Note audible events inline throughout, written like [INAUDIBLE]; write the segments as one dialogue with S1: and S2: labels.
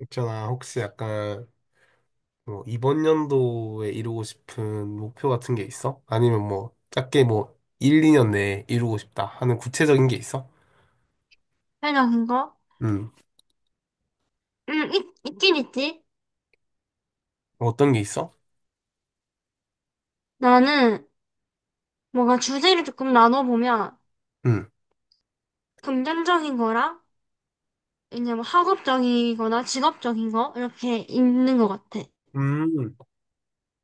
S1: 있잖아, 혹시 약간 뭐 이번 연도에 이루고 싶은 목표 같은 게 있어? 아니면 뭐 작게 뭐 1, 2년 내에 이루고 싶다 하는 구체적인 게 있어?
S2: 해니나 그거?
S1: 음,
S2: 응, 있, 있긴 있지.
S1: 어떤 게 있어?
S2: 나는 뭔가 주제를 조금 나눠보면
S1: 음,
S2: 금전적인 거랑 이제 뭐 학업적이거나 직업적인 거 이렇게 있는 것 같아.
S1: 음,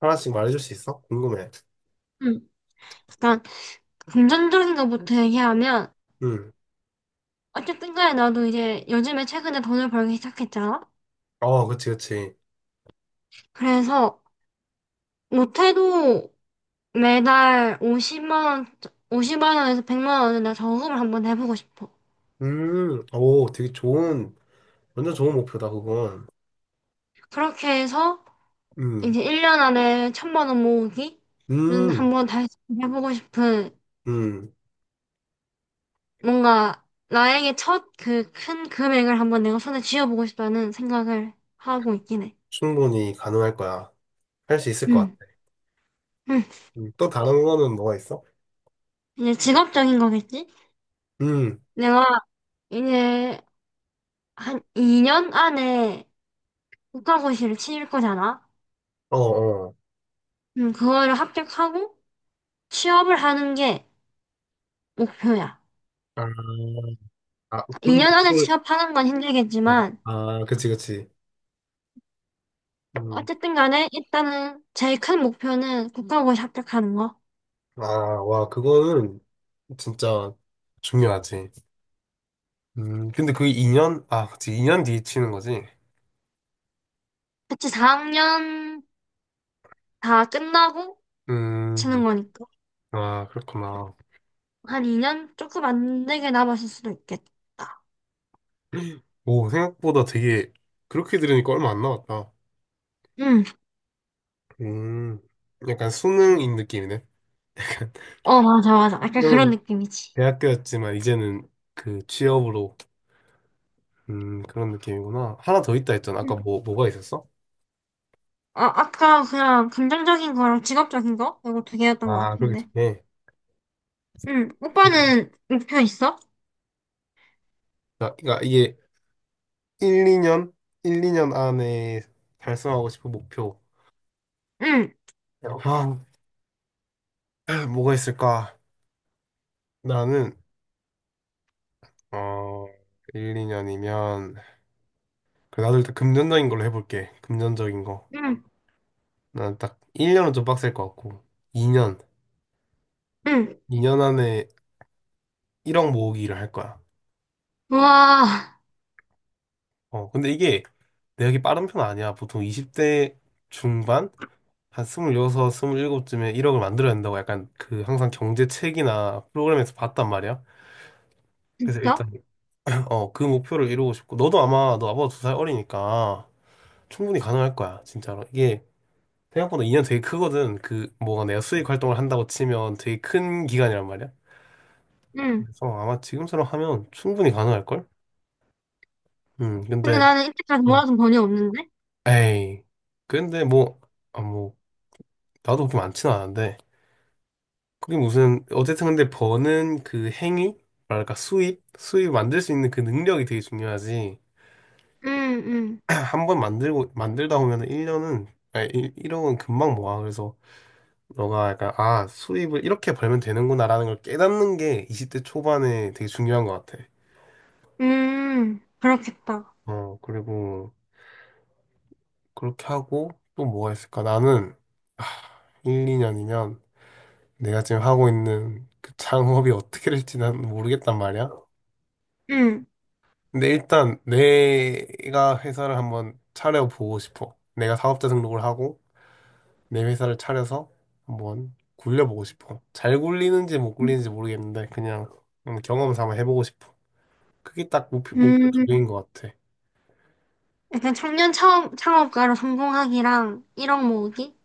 S1: 하나씩 말해줄 수 있어? 궁금해.
S2: 응. 약간 금전적인 거부터 얘기하면
S1: 음,
S2: 어쨌든 간에 나도 이제 요즘에 최근에 돈을 벌기 시작했잖아.
S1: 어, 그치, 그치.
S2: 그래서 못해도 매달 50만 원, 50만 원에서 100만 원을 나 저금을 한번 해보고 싶어.
S1: 오, 되게 좋은, 완전 좋은 목표다, 그건.
S2: 그렇게 해서
S1: 음,
S2: 이제 1년 안에 1,000만 원 모으기는
S1: 음,
S2: 한번 다시 해보고 싶은
S1: 음,
S2: 뭔가 나에게 첫 그 큰 금액을 한번 내가 손에 쥐어보고 싶다는 생각을 하고 있긴 해.
S1: 충분히 가능할 거야. 할 수 있을 것 같아.
S2: 음, 음.
S1: 또 다른 거는 뭐가 있어?
S2: 이제 직업적인 거겠지?
S1: 음,
S2: 내가 이제 한 2년 안에 국가고시를 치를 거잖아.
S1: 어, 어.
S2: 그거를 합격하고 취업을 하는 게 목표야.
S1: 아, 아, 그런데
S2: 2년 안에
S1: 그걸,
S2: 취업하는 건
S1: 어.
S2: 힘들겠지만
S1: 아, 그치, 그치. 음.
S2: 어쨌든 간에 일단은 제일 큰 목표는 국가고시 합격하는 거.
S1: 아, 와, 그거는 진짜 중요하지. 근데 그 2년? 아, 그치, 2년 뒤에 치는 거지.
S2: 그치, 4학년 다 끝나고
S1: 음,
S2: 치는 거니까.
S1: 아, 그렇구나.
S2: 한 2년? 조금 안 되게 남았을 수도 있겠다.
S1: 오, 생각보다 되게, 그렇게 들으니까 얼마 안 남았다.
S2: 응,
S1: 음, 약간 수능인 느낌이네.
S2: 어, 맞아, 맞아. 약간 그런
S1: 수능은
S2: 느낌이지.
S1: 대학교였지만, 이제는 그 취업으로, 그런 느낌이구나. 하나 더 있다 했잖아.
S2: 응.
S1: 아까 뭐가 있었어?
S2: 아, 아까 그냥 긍정적인 거랑 직업적인 거? 이거 두 개였던 것
S1: 아, 그러게
S2: 같은데.
S1: 좋네.
S2: 응, 오빠는 목표 있어?
S1: 그러니까 이게 1, 2년? 1, 2년 안에 달성하고 싶은 목표.
S2: 응,
S1: 아, 뭐가 있을까? 나는, 어, 1, 2년이면, 나도 일단 금전적인 걸로 해볼게. 금전적인 거.
S2: 응,
S1: 난 딱 1년은 좀 빡셀 것 같고, 2년.
S2: 응.
S1: 2년 안에 1억 모으기를 할 거야.
S2: 우와,
S1: 어, 근데 이게 내역이 빠른 편 아니야. 보통 20대 중반? 한 26, 27쯤에 1억을 만들어야 된다고 약간 그 항상 경제 책이나 프로그램에서 봤단 말이야. 그래서 일단
S2: 진짜?
S1: 어, 그 목표를 이루고 싶고, 너도 아마, 너 아빠가 두 살 어리니까 충분히 가능할 거야, 진짜로. 이게 생각보다 2년 되게 크거든. 그, 뭐가 내가 수익 활동을 한다고 치면 되게 큰 기간이란 말이야.
S2: 응.
S1: 그래서 아마 지금처럼 하면 충분히 가능할걸?
S2: 근데
S1: 근데,
S2: 나는 이때까지
S1: 어,
S2: 모아둔 돈이 없는데?
S1: 에이. 근데 뭐, 아, 뭐, 나도 그렇게 많지는 않은데, 그게 무슨, 어쨌든 근데 버는 그 행위? 뭐랄까, 수입? 수입 만들 수 있는 그 능력이 되게 중요하지.
S2: 응, 응.
S1: 한 번 만들고 만들다 보면은 1년은 아니 1억은 금방 모아. 그래서 너가 약간 아, 수입을 이렇게 벌면 되는구나라는 걸 깨닫는 게 20대 초반에 되게 중요한 것 같아.
S2: 그렇겠다.
S1: 어, 그리고 그렇게 하고 또 뭐가 있을까? 나는 아, 1, 2년이면 내가 지금 하고 있는 그 창업이 어떻게 될지 난 모르겠단 말이야.
S2: 응,
S1: 근데 일단 내가 회사를 한번 차려보고 싶어. 내가 사업자 등록을 하고 내 회사를 차려서 한번 굴려보고 싶어. 잘 굴리는지 못 굴리는지 모르겠는데 그냥 경험 삼아 해보고 싶어. 그게 딱 목표, 목표 두 개인
S2: 응
S1: 것 같아.
S2: 약간 청년 창업, 창업가로 성공하기랑 1억 모으기?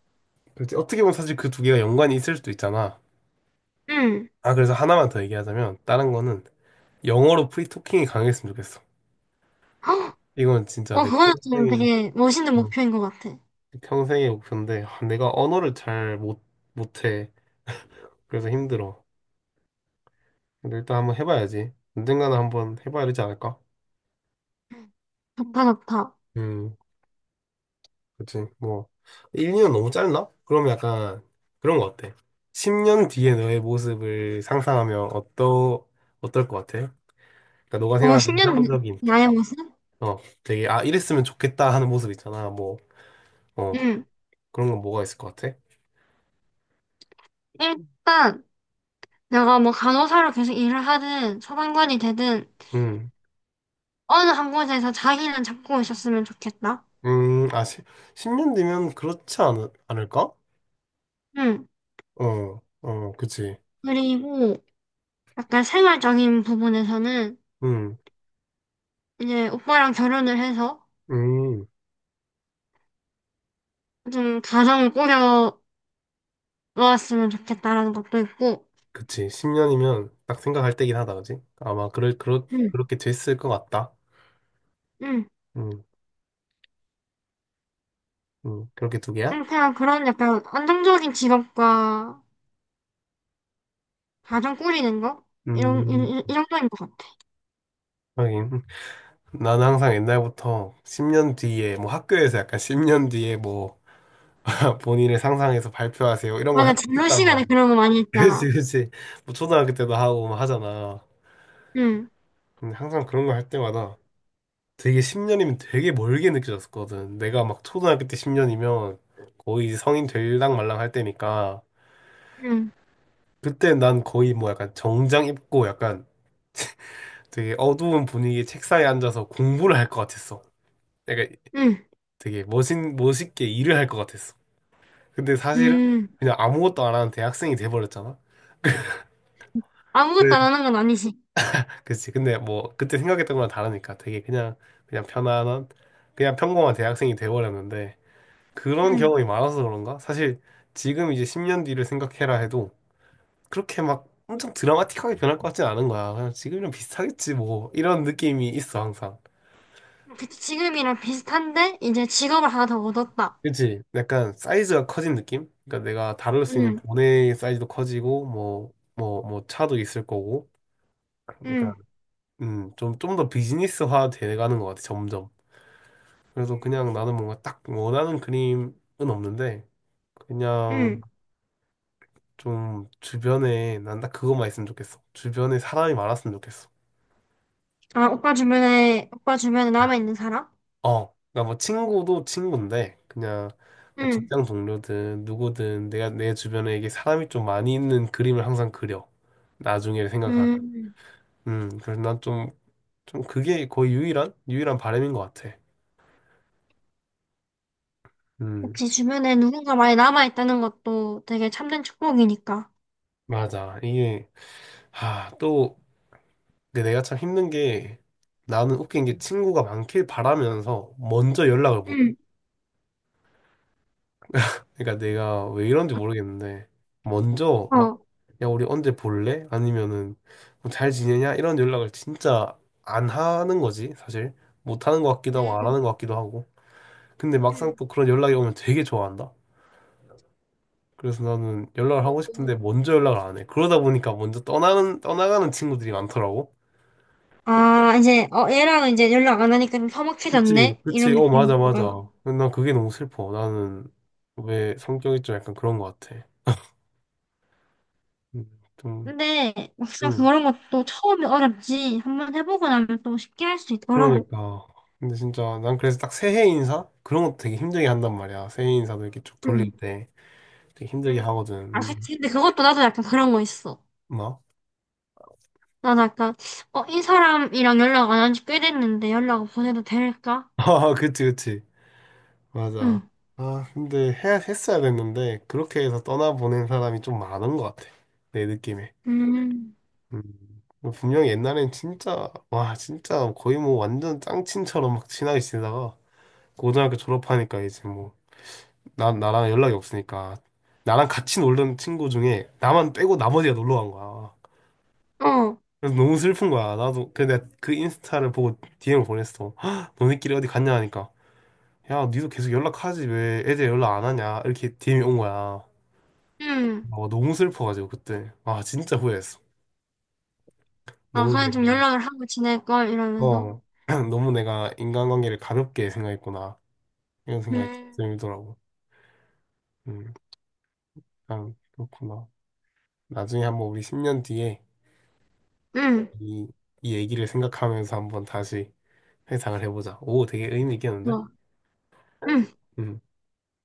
S1: 그렇지. 어떻게 보면 사실 그 두 개가 연관이 있을 수도 있잖아.
S2: 응.
S1: 아, 그래서 하나만 더 얘기하자면 다른 거는 영어로 프리토킹이 강했으면 좋겠어.
S2: 헉!
S1: 이건 진짜
S2: 어,
S1: 내
S2: 그거는 좀
S1: 평생의
S2: 되게 멋있는
S1: 어,
S2: 목표인 것 같아.
S1: 평생의 목표인데 아, 내가 언어를 잘 못, 못해. 그래서 힘들어. 근데 일단 한번 해봐야지. 언젠가는 한번 해봐야 되지 않을까?
S2: 좋다, 좋다.
S1: 음. 그치. 뭐, 1년 너무 짧나? 그럼 약간 그런 거 어때? 10년 뒤에 너의 모습을 상상하면 어떨 것 같아? 그러니까 너가
S2: 어,
S1: 생각하는
S2: 10년
S1: 이상적인,
S2: 나의 모습?
S1: 어, 되게, 아, 이랬으면 좋겠다 하는 모습 있잖아. 뭐, 어,
S2: 응.
S1: 그런 건 뭐가 있을 것 같아?
S2: 일단, 내가 뭐 간호사로 계속 일을 하든, 소방관이 되든,
S1: 음,
S2: 어느 한 곳에서 자기는 잡고 있었으면 좋겠다.
S1: 아, 10, 년 뒤면 그렇지 않을까?
S2: 응.
S1: 어, 어, 그치.
S2: 그리고, 약간 생활적인 부분에서는,
S1: 음,
S2: 이제 오빠랑 결혼을 해서,
S1: 음,
S2: 좀 가정을 꾸려왔으면 좋겠다라는 것도 있고,
S1: 그치. 10년이면 딱 생각할 때긴 하다, 그치? 아마 그렇게 됐을 것 같다.
S2: 응,
S1: 음, 그렇게 두 개야?
S2: 응, 그냥 그런 약간 안정적인 직업과 가정 꾸리는 거? 이런, 이,
S1: 음,
S2: 이 정도인 것 같아.
S1: 하긴. 나는 항상 옛날부터 10년 뒤에, 뭐 학교에서 약간 10년 뒤에 뭐 [LAUGHS] 본인을 상상해서 발표하세요. 이런 걸
S2: 맞아, 진로
S1: 했단
S2: 시간에
S1: 말이야.
S2: 그런 거 많이
S1: [LAUGHS]
S2: 했잖아.
S1: 그치, 그치. 뭐 초등학교 때도 하고 막 하잖아.
S2: 응,
S1: 근데 항상 그런 거 할 때마다 되게 10년이면 되게 멀게 느껴졌거든. 내가 막 초등학교 때 10년이면 거의 이제 성인 될랑 말랑 할 때니까.
S2: 응,
S1: 그때 난 거의 뭐 약간 정장 입고 약간 되게 어두운 분위기 책상에 앉아서 공부를 할 것 같았어.
S2: 응,
S1: 되게 멋있게 일을 할 것 같았어. 근데 사실은
S2: 응.
S1: 그냥 아무것도 안 하는 대학생이 돼버렸잖아.
S2: 아무것도
S1: 그래.
S2: 안 하는 건 아니지.
S1: 그치. 근데 뭐 그때 생각했던 거랑 다르니까 되게 그냥 그냥 편안한 그냥 평범한 대학생이 돼버렸는데 그런
S2: 응.
S1: 경험이 많아서 그런가? 사실 지금 이제 10년 뒤를 생각해라 해도 그렇게 막 엄청 드라마틱하게 변할 것 같진 않은 거야. 그냥 지금이랑 비슷하겠지 뭐 이런 느낌이 있어 항상.
S2: 그치, 지금이랑 비슷한데, 이제 직업을 하나 더 얻었다.
S1: 그치? 약간 사이즈가 커진 느낌? 그러니까 내가 다룰 수 있는
S2: 응,
S1: 돈의 사이즈도 커지고 뭐 차도 있을 거고 그러니까
S2: 응,
S1: 음좀 좀좀 더 비즈니스화 돼가는 것 같아 점점. 그래서 그냥
S2: 음.
S1: 나는 뭔가 딱 원하는 그림은 없는데 그냥
S2: 응.
S1: 좀 주변에 난 딱 그것만 있으면 좋겠어. 주변에 사람이 많았으면 좋겠어.
S2: 아, 오빠 주변에, 오빠 주변에 남아있는 사람?
S1: 어, 그러니까 뭐 친구도 친구인데 그냥 뭐
S2: 응,
S1: 직장 동료든 누구든 내가 내 주변에 이게 사람이 좀 많이 있는 그림을 항상 그려. 나중에 생각하면.
S2: 응.
S1: 그래서 난 좀 그게 거의 유일한 바람인 것 같아. 음,
S2: 그치, 주변에 누군가 많이 남아있다는 것도 되게 참된 축복이니까.
S1: 맞아. 이게 아, 또 근데 내가 참 힘든 게 나는 웃긴 게 친구가 많길 바라면서 먼저 연락을 못 해.
S2: 응.
S1: 그러니까 내가 왜 이런지 모르겠는데 먼저 막
S2: 어.
S1: 야 우리 언제 볼래? 아니면은 뭐잘 지내냐? 이런 연락을 진짜 안 하는 거지 사실. 못 하는 것 같기도 하고 안
S2: 음,
S1: 하는 것 같기도 하고 근데 막상
S2: 음.
S1: 또 그런 연락이 오면 되게 좋아한다. 그래서 나는 연락을 하고 싶은데 먼저 연락을 안 해. 그러다 보니까 먼저 떠나는 떠나가는 친구들이 많더라고.
S2: 아, 이제, 어, 얘랑 이제 연락 안 하니까 좀
S1: 그치,
S2: 서먹해졌네?
S1: 그치,
S2: 이런 느
S1: 어,
S2: 낌으
S1: 맞아,
S2: 로
S1: 맞아.
S2: 다
S1: 난 그게 너무 슬퍼. 나는 왜 성격이 좀 약간 그런 것 같아. 음, 좀.
S2: 근데 막상
S1: 음.
S2: 그런 것도 처음이 어렵지. 한 번 해보고 나면 또 쉽게 할 수 있더라고.
S1: 그러니까. 근데 진짜 난 그래서 딱 새해 인사? 그런 것도 되게 힘들게 한단 말이야. 새해 인사도 이렇게 쭉 돌릴
S2: 응.
S1: 때 되게 힘들게
S2: 음.
S1: 하거든.
S2: 아,
S1: 음,
S2: 그치. 근데 그것도 나도 약간 그런 거 있어.
S1: 뭐?
S2: 나도 약간, 어, 이 사람이랑 연락 안 한 지 꽤 됐는데 연락을 보내도 될까?
S1: [LAUGHS] 아, 그치, 그치.
S2: 응.
S1: 맞아. 아, 근데 했어야 됐는데 그렇게 해서 떠나보낸 사람이 좀 많은 것 같아. 내 느낌에.
S2: 음.
S1: 음. 뭐 분명히 옛날엔 진짜, 와, 진짜 거의 뭐 완전 짱친처럼 막 친하게 지내다가 고등학교 졸업하니까 이제 뭐, 나랑 연락이 없으니까 나랑 같이 놀던 친구 중에 나만 빼고 나머지가 놀러 간 거야.
S2: 어,
S1: 그래서 너무 슬픈 거야. 나도 근데 내가 그 인스타를 보고 DM을 보냈어. "헉, 너네끼리 어디 갔냐?" 하니까 "야, 니도 계속 연락하지 왜 애들 연락 안 하냐?" 이렇게 DM이 온 거야.
S2: 응.
S1: 어, 너무 슬퍼가지고 그때 아 진짜 후회했어.
S2: 아,
S1: 너무
S2: 그냥 좀
S1: 내가,
S2: 연락을 하고 지낼걸, 이러면서.
S1: 어, [CLEARS THROAT] 너무 내가 인간관계를 가볍게 생각했구나 이런 생각이
S2: 음.
S1: 들더라고. 음, 참 그렇구나. 나중에 한번 우리 10년 뒤에
S2: 응.
S1: 이, 이 얘기를 생각하면서 한번 다시 회상을 해보자. 오, 되게 의미 있겠는데?
S2: 좋아. 응.
S1: 음.